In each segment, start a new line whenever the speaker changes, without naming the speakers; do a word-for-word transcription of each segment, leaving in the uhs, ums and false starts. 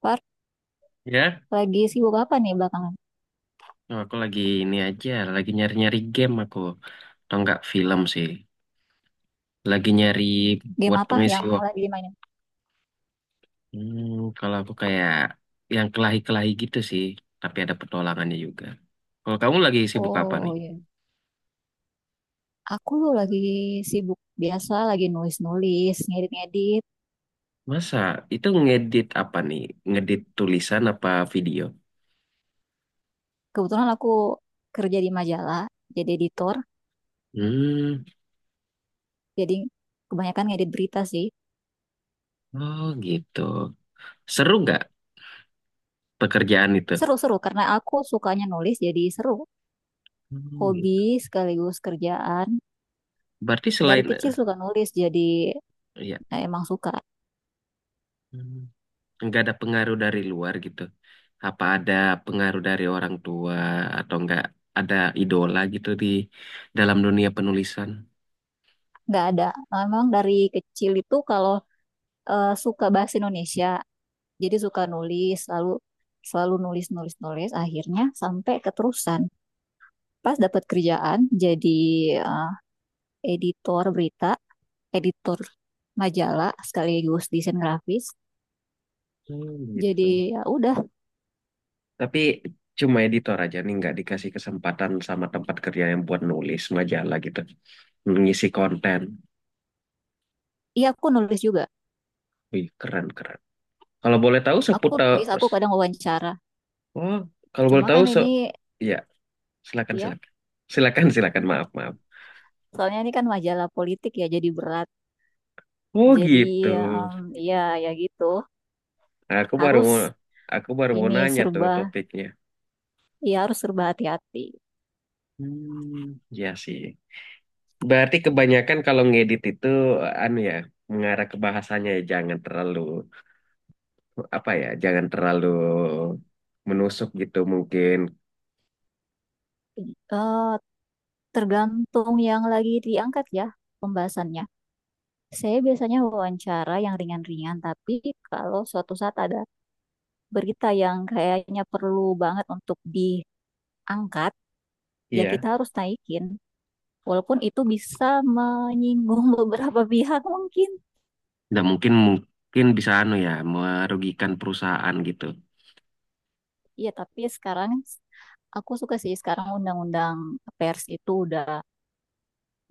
Par,
Ya,
lagi sibuk apa nih belakangan?
oh, aku lagi ini aja, lagi nyari-nyari game aku. Atau enggak film sih. Lagi nyari
Game
buat
apa
pengisi
yang
waktu.
lagi dimainin?
Hmm, kalau aku kayak yang kelahi-kelahi gitu sih, tapi ada petualangannya juga. Kalau kamu lagi sibuk apa nih?
Oh iya, aku lagi sibuk biasa, lagi nulis-nulis, ngedit-ngedit.
Masa itu ngedit apa nih? Ngedit tulisan apa video?
Kebetulan aku kerja di majalah, jadi editor,
Hmm,
jadi kebanyakan ngedit berita sih.
oh gitu. Seru nggak pekerjaan itu?
Seru-seru, karena aku sukanya nulis, jadi seru.
Hmm,
Hobi
gitu.
sekaligus kerjaan.
Berarti
Dari
selain eh,
kecil suka nulis, jadi
ya.
eh, emang suka.
Hmm. Nggak ada pengaruh dari luar gitu. Apa ada pengaruh dari orang tua atau nggak ada idola gitu di dalam dunia penulisan?
Nggak ada. Memang dari kecil itu kalau eh, suka bahasa Indonesia, jadi suka nulis, selalu selalu nulis nulis nulis. Akhirnya sampai keterusan. Pas dapat kerjaan jadi eh, editor berita, editor majalah sekaligus desain grafis.
Hmm, gitu.
Jadi ya udah,
Tapi cuma editor aja nih nggak dikasih kesempatan sama tempat kerja yang buat nulis majalah gitu, mengisi konten.
iya aku nulis juga.
Wih, keren keren. Kalau boleh tahu
Aku nulis,
seputar,
aku kadang wawancara.
oh, kalau boleh
Cuma
tahu
kan
se,
ini
ya silakan
ya,
silakan, silakan silakan maaf maaf.
soalnya ini kan majalah politik ya, jadi berat.
Oh
Jadi
gitu.
em, ya ya gitu,
Aku baru mau,
harus
aku baru mau
ini
nanya tuh
serba,
topiknya.
ya harus serba hati-hati.
Hmm, ya sih. Berarti kebanyakan kalau ngedit itu anu ya, mengarah ke bahasanya ya jangan terlalu apa ya, jangan terlalu menusuk gitu mungkin.
Eh, Tergantung yang lagi diangkat ya pembahasannya. Saya biasanya wawancara yang ringan-ringan, tapi kalau suatu saat ada berita yang kayaknya perlu banget untuk diangkat, ya
Iya.
kita harus naikin. Walaupun itu bisa menyinggung beberapa pihak mungkin.
Nah, mungkin mungkin bisa anu ya, merugikan perusahaan gitu.
Ya, tapi sekarang aku suka sih sekarang undang-undang pers itu udah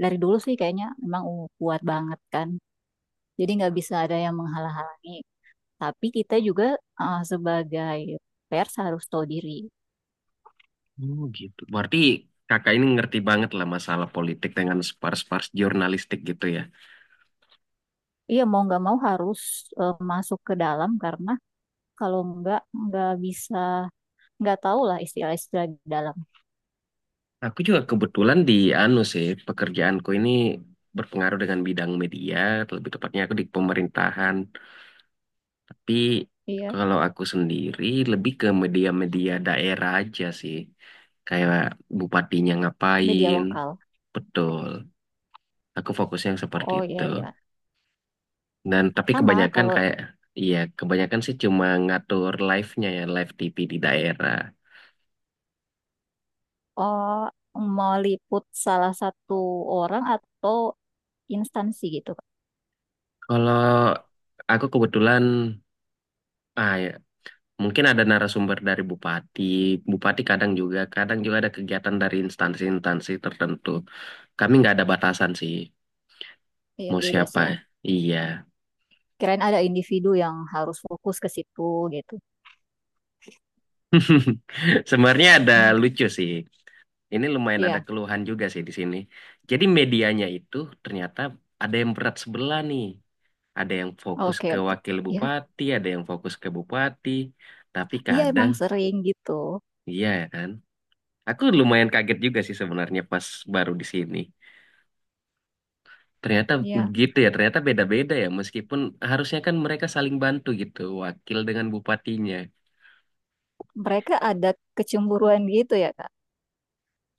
dari dulu sih kayaknya memang kuat banget kan. Jadi nggak bisa ada yang menghalang-halangi. Tapi kita juga eh, sebagai pers harus tahu diri.
Oh gitu. Berarti kakak ini ngerti banget lah masalah politik dengan spars-spars jurnalistik gitu ya.
Iya mau nggak mau harus eh, masuk ke dalam karena kalau nggak nggak bisa nggak tahu lah istilah-istilah di dalam.
Aku juga kebetulan di anu sih, pekerjaanku ini berpengaruh dengan bidang media, lebih tepatnya aku di pemerintahan. Tapi
Iya
kalau aku sendiri lebih ke media-media daerah aja sih. Kayak bupatinya
media
ngapain.
lokal.
Betul. Aku fokusnya yang seperti
Oh
itu.
iya iya,
Dan tapi
sama
kebanyakan
kalau
kayak iya, kebanyakan sih cuma ngatur live-nya ya, live T V di daerah.
oh, mau liput salah satu orang atau instansi gitu.
Kalau aku kebetulan ah ya, mungkin ada narasumber dari bupati. Bupati kadang juga, kadang juga ada kegiatan dari instansi-instansi tertentu. Kami nggak ada batasan sih.
Iya
Mau
bebas
siapa?
ya.
Iya.
Kirain ada individu yang harus fokus ke situ gitu.
Sebenarnya ada
Hmm,
lucu sih. Ini lumayan ada
iya,
keluhan juga sih di sini. Jadi medianya itu ternyata ada yang berat sebelah nih. Ada yang fokus
oke,
ke
oke.
wakil
Ya
bupati, ada yang fokus ke bupati. Tapi
iya
kadang,
emang sering gitu.
iya ya kan. Aku lumayan kaget juga sih sebenarnya pas baru di sini. Ternyata
Iya
begitu ya, ternyata beda-beda ya. Meskipun harusnya kan mereka saling bantu gitu, wakil dengan bupatinya.
mereka ada kecemburuan gitu ya Kak.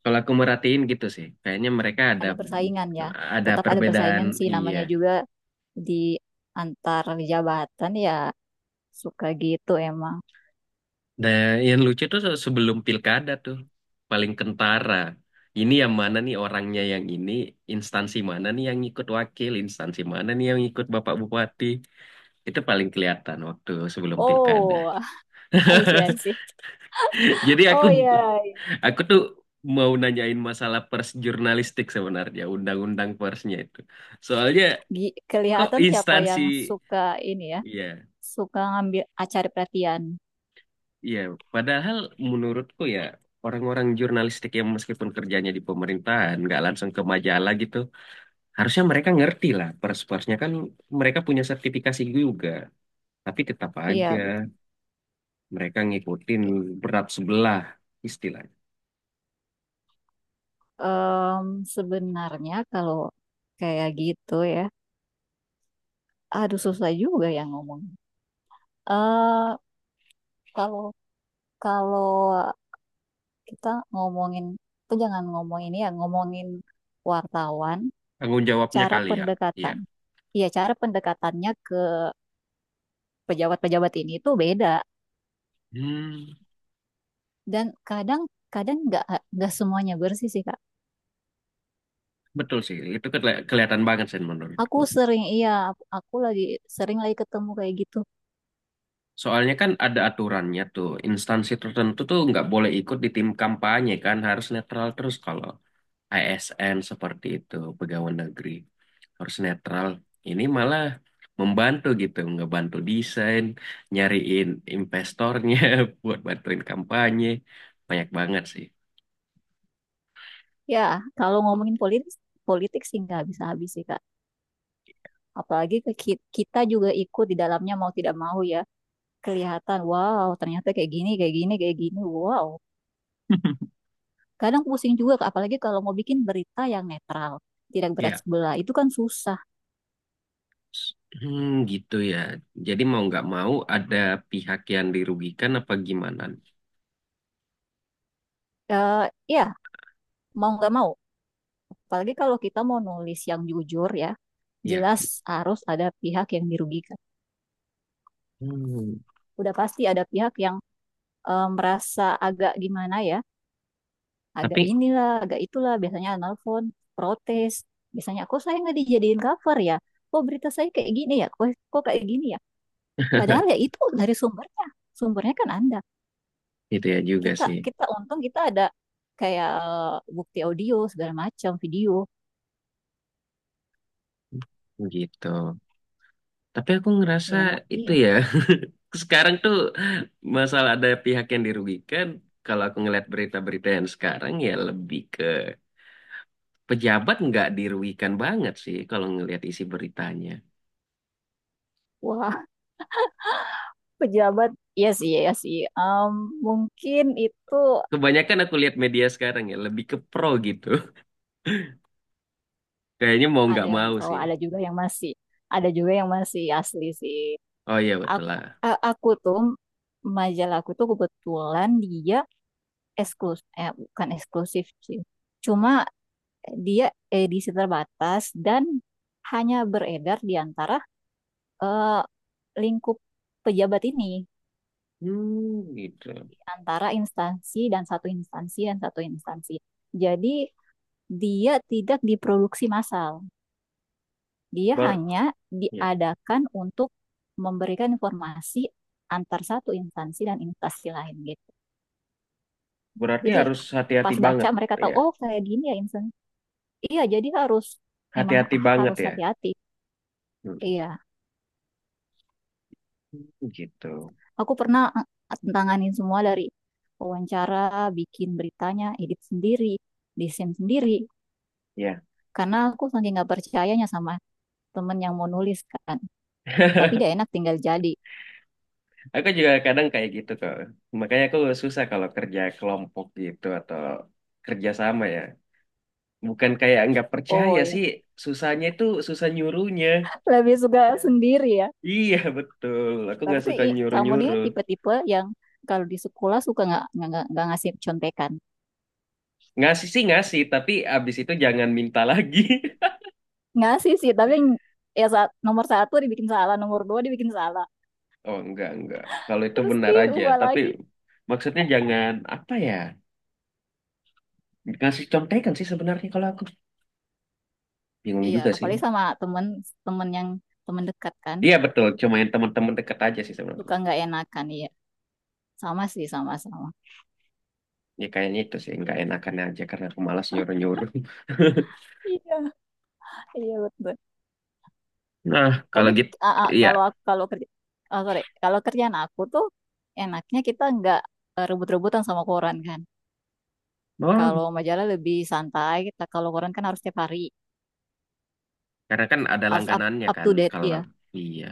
Kalau aku merhatiin gitu sih, kayaknya mereka ada
Ada persaingan ya.
ada
Tetap ada
perbedaan.
persaingan sih
Iya.
namanya juga di antar jabatan ya suka gitu emang.
Dan yang lucu tuh se- sebelum pilkada tuh paling kentara. Ini yang mana nih orangnya yang ini, instansi mana nih yang ikut wakil, instansi mana nih yang ikut Bapak Bupati. Itu paling kelihatan waktu sebelum pilkada.
Oh, I see, I see.
Jadi aku
Oh ya,
aku tuh mau nanyain masalah pers jurnalistik sebenarnya, undang-undang persnya itu. Soalnya
Gi-
kok
kelihatan siapa
instansi
yang suka ini ya,
Iya.
suka ngambil acari perhatian.
Iya, padahal menurutku ya orang-orang jurnalistik yang meskipun kerjanya di pemerintahan nggak langsung ke majalah gitu, harusnya mereka ngerti lah pers-persnya kan mereka punya sertifikasi juga, tapi tetap aja
Iya, betul.
mereka ngikutin berat sebelah istilahnya.
Em, sebenarnya kalau kayak gitu ya, aduh susah juga yang ngomong. Eh, kalau kalau kita ngomongin tuh jangan ngomong ini ya ngomongin wartawan
Tanggung jawabnya
cara
kali ya. Iya.
pendekatan iya cara pendekatannya ke pejabat-pejabat ini tuh beda
Hmm,
dan kadang kadang nggak nggak semuanya bersih sih kak
betul sih, itu keli- kelihatan banget sih
aku
menurutku.
sering iya aku lagi sering lagi ketemu kayak gitu
Soalnya kan ada aturannya tuh, instansi tertentu tuh nggak boleh ikut di tim kampanye kan, harus netral terus kalau A S N seperti itu, pegawai negeri harus netral. Ini malah membantu gitu, ngebantu desain, nyariin investornya buat bantuin kampanye. Banyak banget sih.
ya kalau ngomongin politik politik sih nggak bisa habis sih kak apalagi ke ki- kita juga ikut di dalamnya mau tidak mau ya kelihatan wow ternyata kayak gini kayak gini kayak gini wow. Kadang pusing juga, Kak, apalagi kalau mau bikin berita yang netral, tidak berat
Ya,
sebelah, itu kan susah.
hmm, gitu ya. Jadi mau nggak mau ada pihak yang dirugikan apa gimana?
Eh, ya, mau nggak mau. Apalagi kalau kita mau nulis yang jujur ya,
Ya,
jelas harus ada pihak yang dirugikan.
hmm.
Udah pasti ada pihak yang eh, merasa agak gimana ya, agak
Tapi
inilah, agak itulah, biasanya nelfon, protes. Biasanya, kok saya nggak dijadiin cover ya? Kok berita saya kayak gini ya? Kok, kok kayak gini ya? Padahal ya itu dari sumbernya. Sumbernya kan Anda,
itu ya juga
kita
sih.
kita untung kita ada kayak eh, bukti audio segala macam video
Gitu. Tapi aku ngerasa
ya memang
itu
iya
ya Sekarang tuh masalah ada pihak yang dirugikan. Kalau aku ngeliat berita-berita yang sekarang ya lebih ke pejabat nggak dirugikan banget sih kalau ngelihat isi beritanya.
wah pejabat iya sih iya sih. Em, mungkin itu
Kebanyakan aku lihat media sekarang ya lebih ke pro gitu. Kayaknya mau
ada
nggak
yang
mau
pro
sih.
ada juga yang masih ada juga yang masih asli sih
Oh iya betul
aku
lah.
a- aku tuh majalah aku tuh kebetulan dia eksklusif eh bukan eksklusif sih cuma dia edisi terbatas dan hanya beredar di antara eh, lingkup pejabat ini
Hmm, gitu.
di antara instansi dan satu instansi dan satu instansi. Jadi dia tidak diproduksi massal. Dia
Ber
hanya
ya.
diadakan untuk memberikan informasi antar satu instansi dan instansi lain gitu.
Berarti
Jadi
harus hati-hati
pas baca
banget
mereka tahu
ya.
oh kayak gini ya instansi. Iya, jadi harus memang
Hati-hati banget
harus
ya.
hati-hati.
Hmm,
Iya,
gitu.
aku pernah tanganin semua dari wawancara, bikin beritanya, edit sendiri, desain sendiri.
Ya.
Karena aku saking nggak percayanya sama temen yang mau nulis kan. Tapi dia enak tinggal jadi.
Aku juga kadang kayak gitu kok. Makanya aku susah kalau kerja kelompok gitu atau kerja sama ya. Bukan kayak nggak
Oh
percaya
ya,
sih, susahnya itu susah nyuruhnya.
lebih suka sendiri ya.
Iya betul, aku nggak
Berarti
suka
kamu ini
nyuruh-nyuruh.
tipe-tipe yang kalau di sekolah suka nggak nggak nggak- ngasih contekan.
Ngasih sih ngasih, tapi abis itu jangan minta lagi.
Ngasih sih, tapi ya saat nomor satu dibikin salah, nomor dua dibikin salah.
Oh enggak, enggak. Kalau itu
Terus
benar aja,
diubah
tapi
lagi.
maksudnya jangan apa ya? Ngasih contekan sih sebenarnya kalau aku. Bingung
Iya,
juga sih.
apalagi sama temen temen yang temen dekat kan.
Iya betul, cuma yang teman-teman dekat aja sih
Suka
sebenarnya.
nggak enakan, iya. Sama sih, sama-sama.
Ya kayaknya itu sih nggak enakan aja karena aku malas nyuruh-nyuruh.
Iya, iya betul.
Nah, kalau
Tapi
gitu
ah, ah,
iya.
kalau aku kalau kerja oh, sorry, kalau kerjaan aku tuh enaknya kita nggak eh, rebut-rebutan sama koran kan.
Oh,
Kalau majalah lebih santai, kita kalau koran kan harus tiap hari,
karena kan ada
harus up,
langganannya
up
kan
to date
kalau
ya.
iya.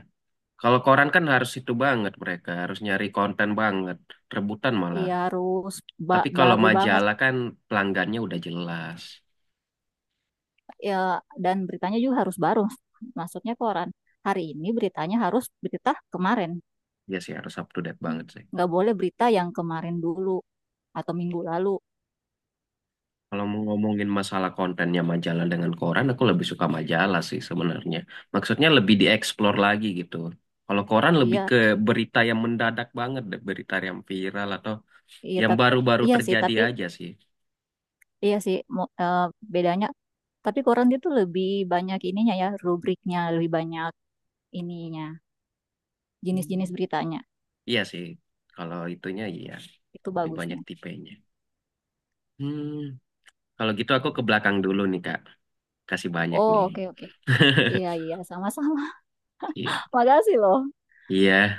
Kalau koran kan harus itu banget mereka, harus nyari konten banget, rebutan malah.
Iya harus
Tapi
ba-
kalau
baru banget
majalah kan pelanggannya udah jelas.
ya dan beritanya juga harus baru. Maksudnya koran. Hari ini beritanya harus berita kemarin.
Ya sih harus up to date banget sih.
Nggak boleh berita yang kemarin dulu atau minggu lalu.
Kalau mau ngomongin masalah kontennya majalah dengan koran, aku lebih suka majalah sih sebenarnya. Maksudnya lebih dieksplor lagi gitu. Kalau koran lebih
Iya,
ke berita yang mendadak banget, deh, berita yang viral atau
iya
yang
tapi
baru-baru
iya sih
terjadi
tapi
aja sih.
iya sih, mo- eh, bedanya. Tapi koran itu lebih banyak ininya ya, rubriknya, lebih banyak ininya,
Hmm.
jenis-jenis beritanya.
Iya sih, kalau itunya iya,
Itu
lebih
bagusnya.
banyak tipenya. Hmm, kalau gitu aku ke belakang dulu nih Kak, kasih banyak
Oh,
nih.
oke, oke. Iya, iya, sama-sama. Makasih loh.
Iya,